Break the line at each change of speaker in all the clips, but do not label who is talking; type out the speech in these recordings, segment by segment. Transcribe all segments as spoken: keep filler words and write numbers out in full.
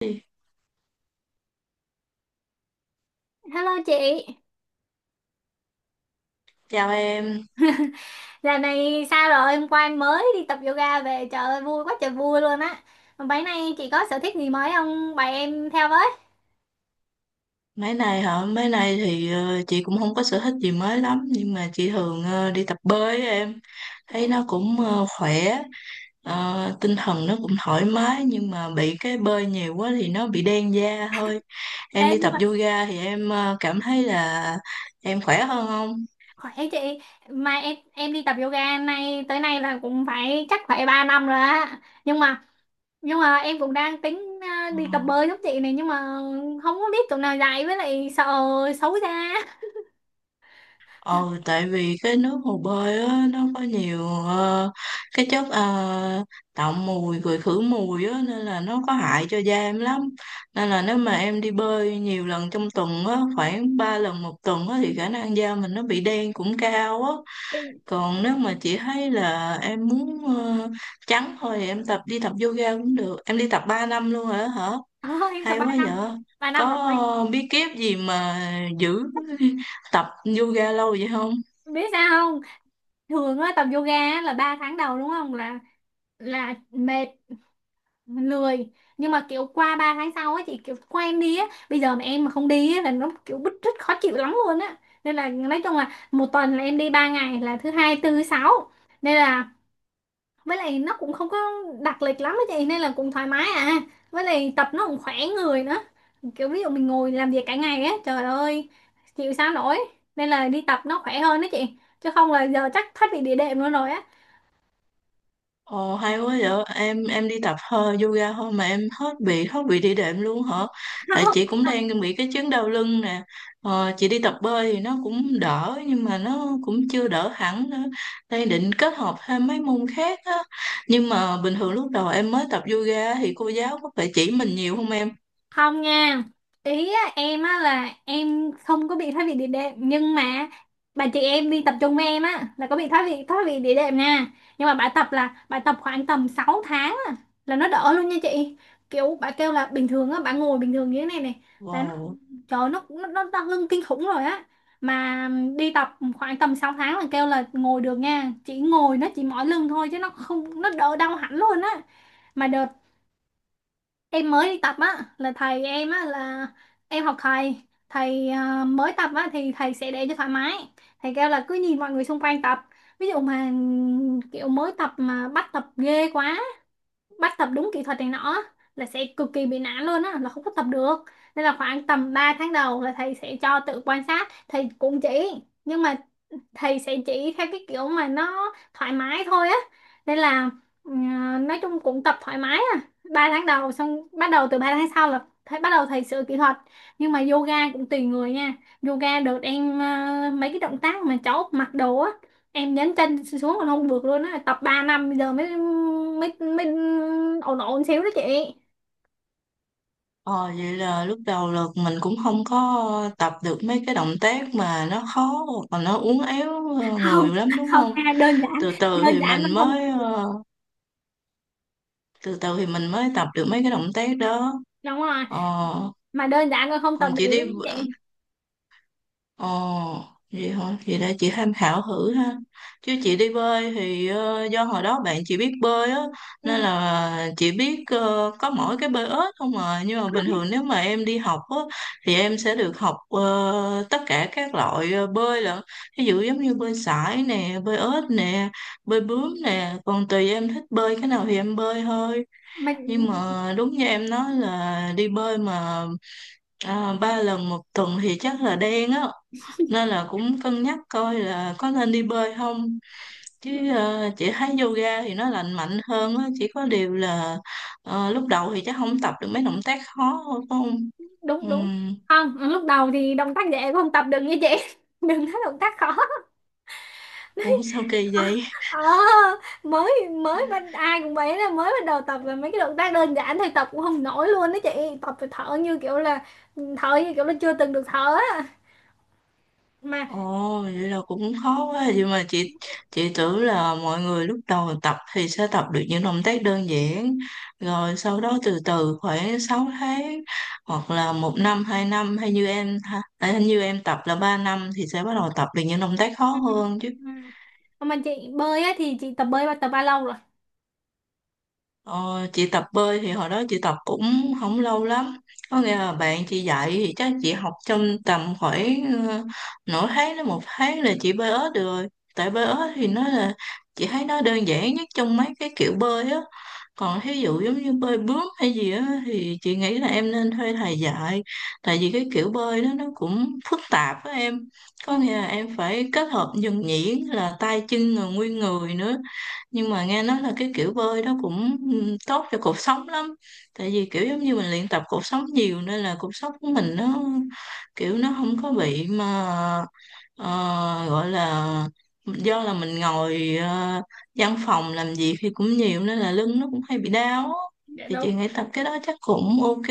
Chị,
Hello chị,
chào em.
giờ này sao rồi? Hôm qua em mới đi tập yoga về, trời ơi vui quá trời vui luôn á. Mà Bấy nay chị có sở thích gì mới không? Bày em theo với.
Mấy này hả? Mấy này thì ờ, chị cũng không có sở thích gì mới lắm nhưng mà chị thường ờ, đi tập bơi á em. Thấy nó cũng ờ, khỏe, ờ, tinh thần nó cũng thoải mái nhưng mà bị cái bơi nhiều quá thì nó bị đen da thôi. Em
Ê,
đi
nhưng
tập
mà
yoga thì em ờ, cảm thấy là em khỏe hơn không?
khỏe chị, mà em em đi tập yoga nay tới nay là cũng phải chắc phải ba năm rồi á. Nhưng mà nhưng mà em cũng đang tính à, đi tập bơi giống chị này, nhưng mà không có biết chỗ nào dạy, với lại sợ xấu ra.
Ờ, Tại vì cái nước hồ bơi á, nó có nhiều ờ, cái chất ờ, tạo mùi rồi khử mùi á, nên là nó có hại cho da em lắm. Nên là nếu mà em đi bơi nhiều lần trong tuần á, khoảng ba lần một tuần á, thì khả năng da mình nó bị đen cũng cao á.
Thì,
Còn nếu mà chị thấy là em muốn ờ, trắng thôi thì em tập đi tập yoga cũng được. Em đi tập ba năm luôn rồi đó hả?
ờ, em tập
Hay
ba
quá vậy.
năm, ba
Có
năm rồi.
ờ, bí kíp gì mà giữ tập yoga lâu vậy không?
Biết sao không? Thường á, tập yoga á là ba tháng đầu đúng không? là là mệt, lười, nhưng mà kiểu qua ba tháng sau ấy chị kiểu quen đi á, bây giờ mà em mà không đi á là nó kiểu bứt rứt khó chịu lắm luôn á. Nên là nói chung là một tuần là em đi ba ngày là thứ hai, tư, sáu. Nên là, với lại nó cũng không có đặc lịch lắm á chị, nên là cũng thoải mái à. Với lại tập nó cũng khỏe người nữa, kiểu ví dụ mình ngồi làm việc cả ngày á, trời ơi, chịu sao nổi. Nên là đi tập nó khỏe hơn đó chị, chứ không là giờ chắc thoát vị địa đệm luôn rồi á.
Ồ, hay quá vậy. Em em đi tập hơi yoga thôi mà em hết bị hết bị đi đệm luôn hả? Tại chị cũng đang bị cái chứng đau lưng nè. Ờ, chị đi tập bơi thì nó cũng đỡ nhưng mà nó cũng chưa đỡ hẳn nữa. Đang định kết hợp thêm mấy môn khác á. Nhưng mà bình thường lúc đầu em mới tập yoga thì cô giáo có phải chỉ mình nhiều không em?
Không nha, ý á, em á là em không có bị thoái vị địa đệm, nhưng mà bà chị em đi tập trung với em á là có bị thoái vị thoái vị địa đệm nha. Nhưng mà bà tập là bà tập khoảng tầm sáu tháng á, là nó đỡ luôn nha chị. Kiểu bà kêu là bình thường á bà ngồi bình thường như thế này này, là nó,
Wow.
trời ơi, nó nó nó đau lưng kinh khủng rồi á. Mà đi tập khoảng tầm sáu tháng là kêu là ngồi được nha, chỉ ngồi nó chỉ mỏi lưng thôi chứ nó không, nó đỡ đau hẳn luôn á. Mà em mới đi tập á là thầy em á là em học thầy, thầy à, mới tập á thì thầy sẽ để cho thoải mái. Thầy kêu là cứ nhìn mọi người xung quanh tập, ví dụ mà kiểu mới tập mà bắt tập ghê quá, bắt tập đúng kỹ thuật này nọ, là sẽ cực kỳ bị nản luôn á, là không có tập được. Nên là khoảng tầm ba tháng đầu là thầy sẽ cho tự quan sát, thầy cũng chỉ, nhưng mà thầy sẽ chỉ theo cái kiểu mà nó thoải mái thôi á. Nên là, ừ, nói chung cũng tập thoải mái à. Ba tháng đầu xong bắt đầu từ ba tháng sau là thầy bắt đầu thầy sửa kỹ thuật. Nhưng mà yoga cũng tùy người nha. Yoga được em, ờ, mấy cái động tác mà cháu mặc đồ á, em nhấn chân xuống còn không được luôn á, tập ba năm bây giờ mới mới mới ổn, ổn xíu đó chị.
Ờ, vậy là lúc đầu là mình cũng không có tập được mấy cái động tác mà nó khó hoặc là nó uốn éo ờ,
không
người lắm đúng
không
không?
nha, đơn giản,
Từ từ
đơn
thì
giản mà
mình
không
mới
tập.
ờ, từ từ thì mình mới tập được mấy cái động tác đó.
Đúng rồi,
ờ,
mà đơn giản mà không tập
còn chị
được
đi
đó chị.
ờ, vậy hả, vậy đã chị tham khảo thử ha. Chứ chị đi bơi thì ờ, do hồi đó bạn chị biết bơi á, nên
Ừ,
là chị biết ờ, có mỗi cái bơi ếch không à. Nhưng mà bình thường nếu mà em đi học á thì em sẽ được học ờ, tất cả các loại ờ, bơi lận. Ví dụ giống như bơi sải nè, bơi ếch nè, bơi bướm nè, còn tùy em thích bơi cái nào thì em bơi thôi.
mà
Nhưng mà đúng như em nói là đi bơi mà à, ba lần một tuần thì chắc là đen á. Nên là cũng cân nhắc coi là có nên đi bơi không. Chứ ờ, chị thấy yoga thì nó lành mạnh hơn á, chỉ có điều là ờ, lúc đầu thì chắc không tập được mấy động tác khó thôi phải không?
đúng đúng.
Ừm.
Không, lúc đầu thì động tác dễ cũng không tập được nha chị. Đừng nói động tác khó.
Ủa, sao kỳ vậy?
Ờ mới mới bắt, ai cũng vậy, là mới bắt đầu tập là mấy cái động tác đơn giản thôi tập cũng không nổi luôn đó chị. Tập phải thở như kiểu là, thở như kiểu là chưa từng được thở á. Mà
Ồ, vậy là cũng khó quá vậy mà chị. Chị tưởng là mọi người lúc đầu tập thì sẽ tập được những động tác đơn giản, rồi sau đó từ từ khoảng sáu tháng hoặc là một năm hai năm, hay như em ha- à, như em tập là ba năm thì sẽ bắt đầu tập được những động tác khó
Ừ,
hơn chứ.
ừ. Còn Mà chị bơi á thì chị tập bơi và tập bao lâu rồi?
Ờ, chị tập bơi thì hồi đó chị tập cũng không lâu lắm. Có nghĩa là bạn chị dạy thì chắc chị học trong tầm khoảng ờ, nửa tháng đến một tháng là chị bơi ếch được rồi. Tại bơi ếch thì nó là chị thấy nó đơn giản nhất trong mấy cái kiểu bơi á. Còn thí dụ giống như bơi bướm hay gì á thì chị nghĩ là em nên thuê thầy dạy. Tại vì cái kiểu bơi đó nó cũng phức tạp á em.
Ừ,
Có nghĩa là em phải kết hợp nhuần nhuyễn là tay chân rồi nguyên người nữa. Nhưng mà nghe nói là cái kiểu bơi đó cũng ừ, tốt cho cột sống lắm. Tại vì kiểu giống như mình luyện tập cột sống nhiều nên là cột sống của mình nó kiểu nó không có bị mà ờ, gọi là do là mình ngồi ờ, văn phòng làm việc thì cũng nhiều nên là lưng nó cũng hay bị đau á.
dạ
Thì
đúng
chị nghĩ tập cái đó chắc cũng ok,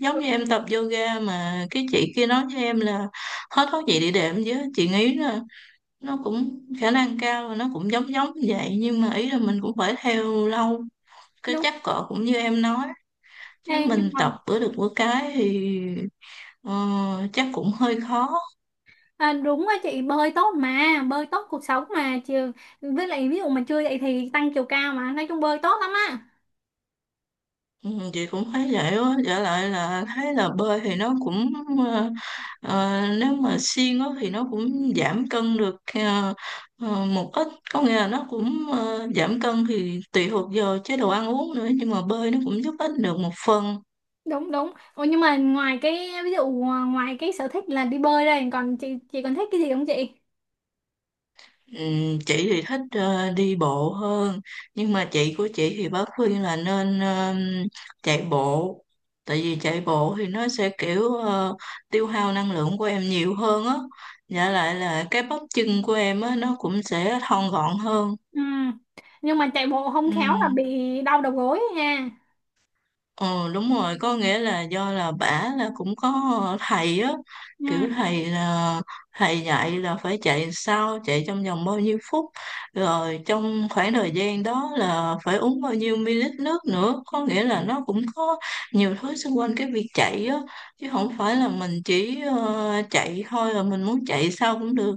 giống
đúng
như em tập yoga mà cái chị kia nói với em là hết thuốc gì để đệm, chứ chị nghĩ là nó cũng khả năng cao là nó cũng giống giống như vậy. Nhưng mà ý là mình cũng phải theo lâu, cái
đúng.
chắc cỡ cũng như em nói, chứ
Ê, nhưng
mình
mà
tập bữa được bữa cái thì ờ, chắc cũng hơi khó.
à, đúng á chị, bơi tốt mà, bơi tốt cuộc sống mà chị, với lại ví dụ mà chưa dậy thì tăng chiều cao, mà nói chung bơi tốt lắm á.
ừ, chị cũng thấy vậy á, trở lại là thấy là bơi thì nó cũng ờ, ờ, nếu mà siêng á thì nó cũng giảm cân được ờ, ờ, một ít. Có nghĩa là nó cũng ờ, giảm cân thì tùy thuộc vào chế độ ăn uống nữa. Nhưng mà bơi nó cũng giúp ích được một phần.
Đúng đúng. Ủa, nhưng mà ngoài cái ví dụ ờ, ngoài cái sở thích là đi bơi đây, còn chị chị còn thích cái gì không chị?
Ừm, chị thì thích ờ, đi bộ hơn. Nhưng mà chị của chị thì bác khuyên là nên ờm, chạy bộ. Tại vì chạy bộ thì nó sẽ kiểu ờ, tiêu hao năng lượng của em nhiều hơn á. Dạ lại là cái bắp chân của em á nó cũng sẽ thon gọn hơn.
Ừ. Nhưng mà chạy bộ không khéo là
Ừm.
bị đau đầu gối nha.
Ờ, đúng rồi. Có nghĩa là do là bả là cũng có thầy á,
Ừ.
kiểu thầy là thầy dạy là phải chạy sao, chạy trong vòng bao nhiêu phút, rồi trong khoảng thời gian đó là phải uống bao nhiêu ml nước nữa. Có nghĩa là nó cũng có nhiều thứ xung quanh cái việc chạy á, chứ không phải là mình chỉ ờ, chạy thôi là mình muốn chạy sao cũng được.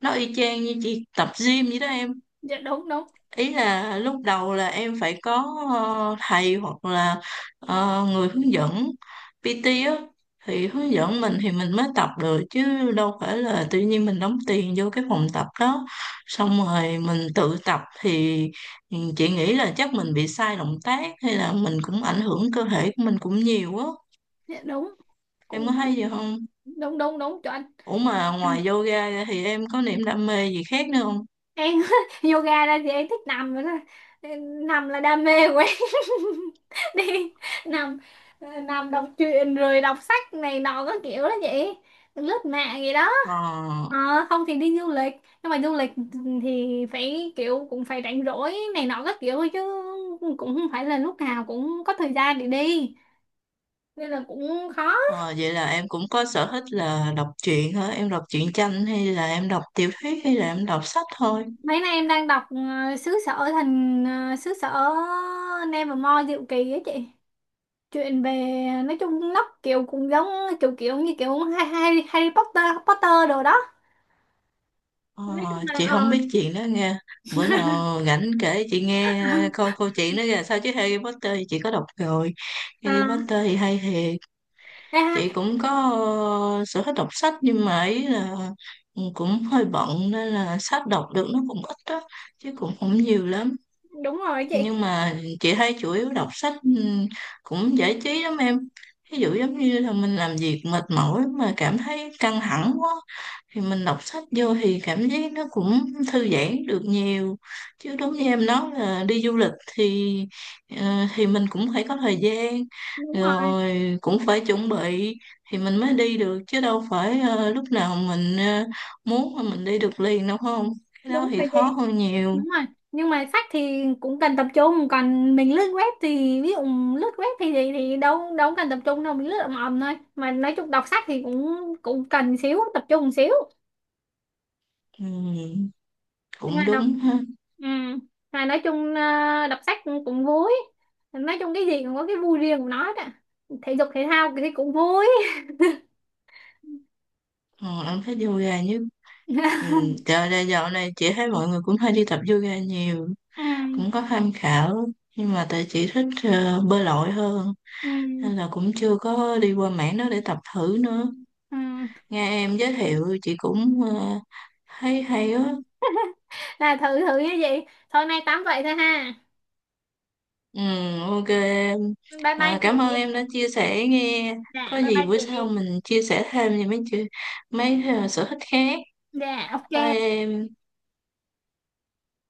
Nó y chang như chị tập gym vậy đó em.
Dạ đúng đúng.
Ý là lúc đầu là em phải có ờ, thầy hoặc là ờ, người hướng dẫn pê tê á thì hướng dẫn mình thì mình mới tập được, chứ đâu phải là tự nhiên mình đóng tiền vô cái phòng tập đó xong rồi mình tự tập thì chị nghĩ là chắc mình bị sai động tác hay là mình cũng ảnh hưởng cơ thể của mình cũng nhiều á.
Dạ đúng.
Em
Cũng,
có thấy gì không?
đúng đúng đúng chuẩn.
Ủa, mà ngoài yoga ra thì em có niềm đam mê gì khác nữa không?
Em yoga ra thì em thích nằm rồi đó. Em- nằm là đam mê của em. Đi nằm, ờ, nằm đọc truyện rồi đọc sách này nọ các kiểu đó vậy, lướt mạng gì đó.
Ờ.
Ờ, không thì đi du lịch, nhưng mà du lịch thì phải kiểu cũng phải rảnh rỗi này nọ các kiểu thôi chứ, cũng không phải là lúc nào cũng có thời gian để đi, nên là cũng khó.
Ờ, Vậy là em cũng có sở thích là đọc truyện hả? Em đọc truyện tranh hay là em đọc tiểu thuyết hay là em đọc sách thôi?
Mấy nay em đang đọc, ờ, xứ sở thần, ờ, xứ sở Nevermore diệu kỳ á chị. Chuyện về, nói chung nó kiểu cũng giống, kiểu kiểu như kiểu Harry, Harry Potter Potter đồ đó.
Ờ,
Nói chung là
chị
ờ.
không biết chuyện đó nghe. Bữa nào rảnh kể chị nghe coi câu chuyện đó ra sao, chứ Harry Potter thì chị có đọc rồi. Harry
à,
Potter thì hay thiệt.
à,
Chị cũng có ờ, sở thích đọc sách nhưng mà ấy là ừ, cũng hơi bận nên là sách đọc được nó cũng ít đó, chứ cũng không nhiều lắm.
Đúng rồi chị.
Nhưng mà chị thấy chủ yếu đọc sách ừm, cũng giải trí lắm em. Ví dụ giống như là mình làm việc mệt mỏi mà cảm thấy căng thẳng quá thì mình đọc sách vô thì cảm giác nó cũng thư giãn được nhiều. Chứ đúng như em nói là đi du lịch thì ờ, thì mình cũng phải có thời gian
Đúng rồi.
rồi cũng phải chuẩn bị thì mình mới đi được, chứ đâu phải ờ, lúc nào mình ờ, muốn mà mình đi được liền đâu không. Cái đó
Đúng
thì
rồi chị.
khó hơn nhiều.
Đúng rồi. Nhưng mà sách thì cũng cần tập trung, còn mình lướt web thì ví dụ, lướt web thì thì, thì đâu, đâu cần tập trung đâu, mình lướt ầm ầm thôi mà. Nói chung đọc sách thì cũng, cũng cần xíu tập trung xíu.
Ừm,
Hay là
cũng
đọc,
đúng ha.
ừ. Hay nói chung ờ, đọc sách cũng, cũng vui. Nói chung cái gì cũng có cái vui riêng của nó đó, thể dục thể thao thì cũng vui.
Ờ, em thấy yoga như ừ, dạo này dạo này chị thấy mọi người cũng hay đi tập yoga nhiều.
Ừ.
Cũng có tham khảo nhưng mà tại chị thích ờ, bơi lội hơn
Ừ.
nên là cũng chưa có đi qua mảng đó để tập thử nữa.
Ừ.
Nghe em giới thiệu chị cũng ờ, thấy hay á.
Là thử thử như vậy thôi, nay tám vậy thôi ha.
ừ, ok em.
Bye bye
Ờ,
chị.
cảm ơn em đã chia sẻ nghe.
Dạ
Có
bye
gì
bye
bữa sau
chị.
mình chia sẻ thêm về mấy chuyện, mấy ờ, sở thích khác.
Dạ
Bye
ok.
em.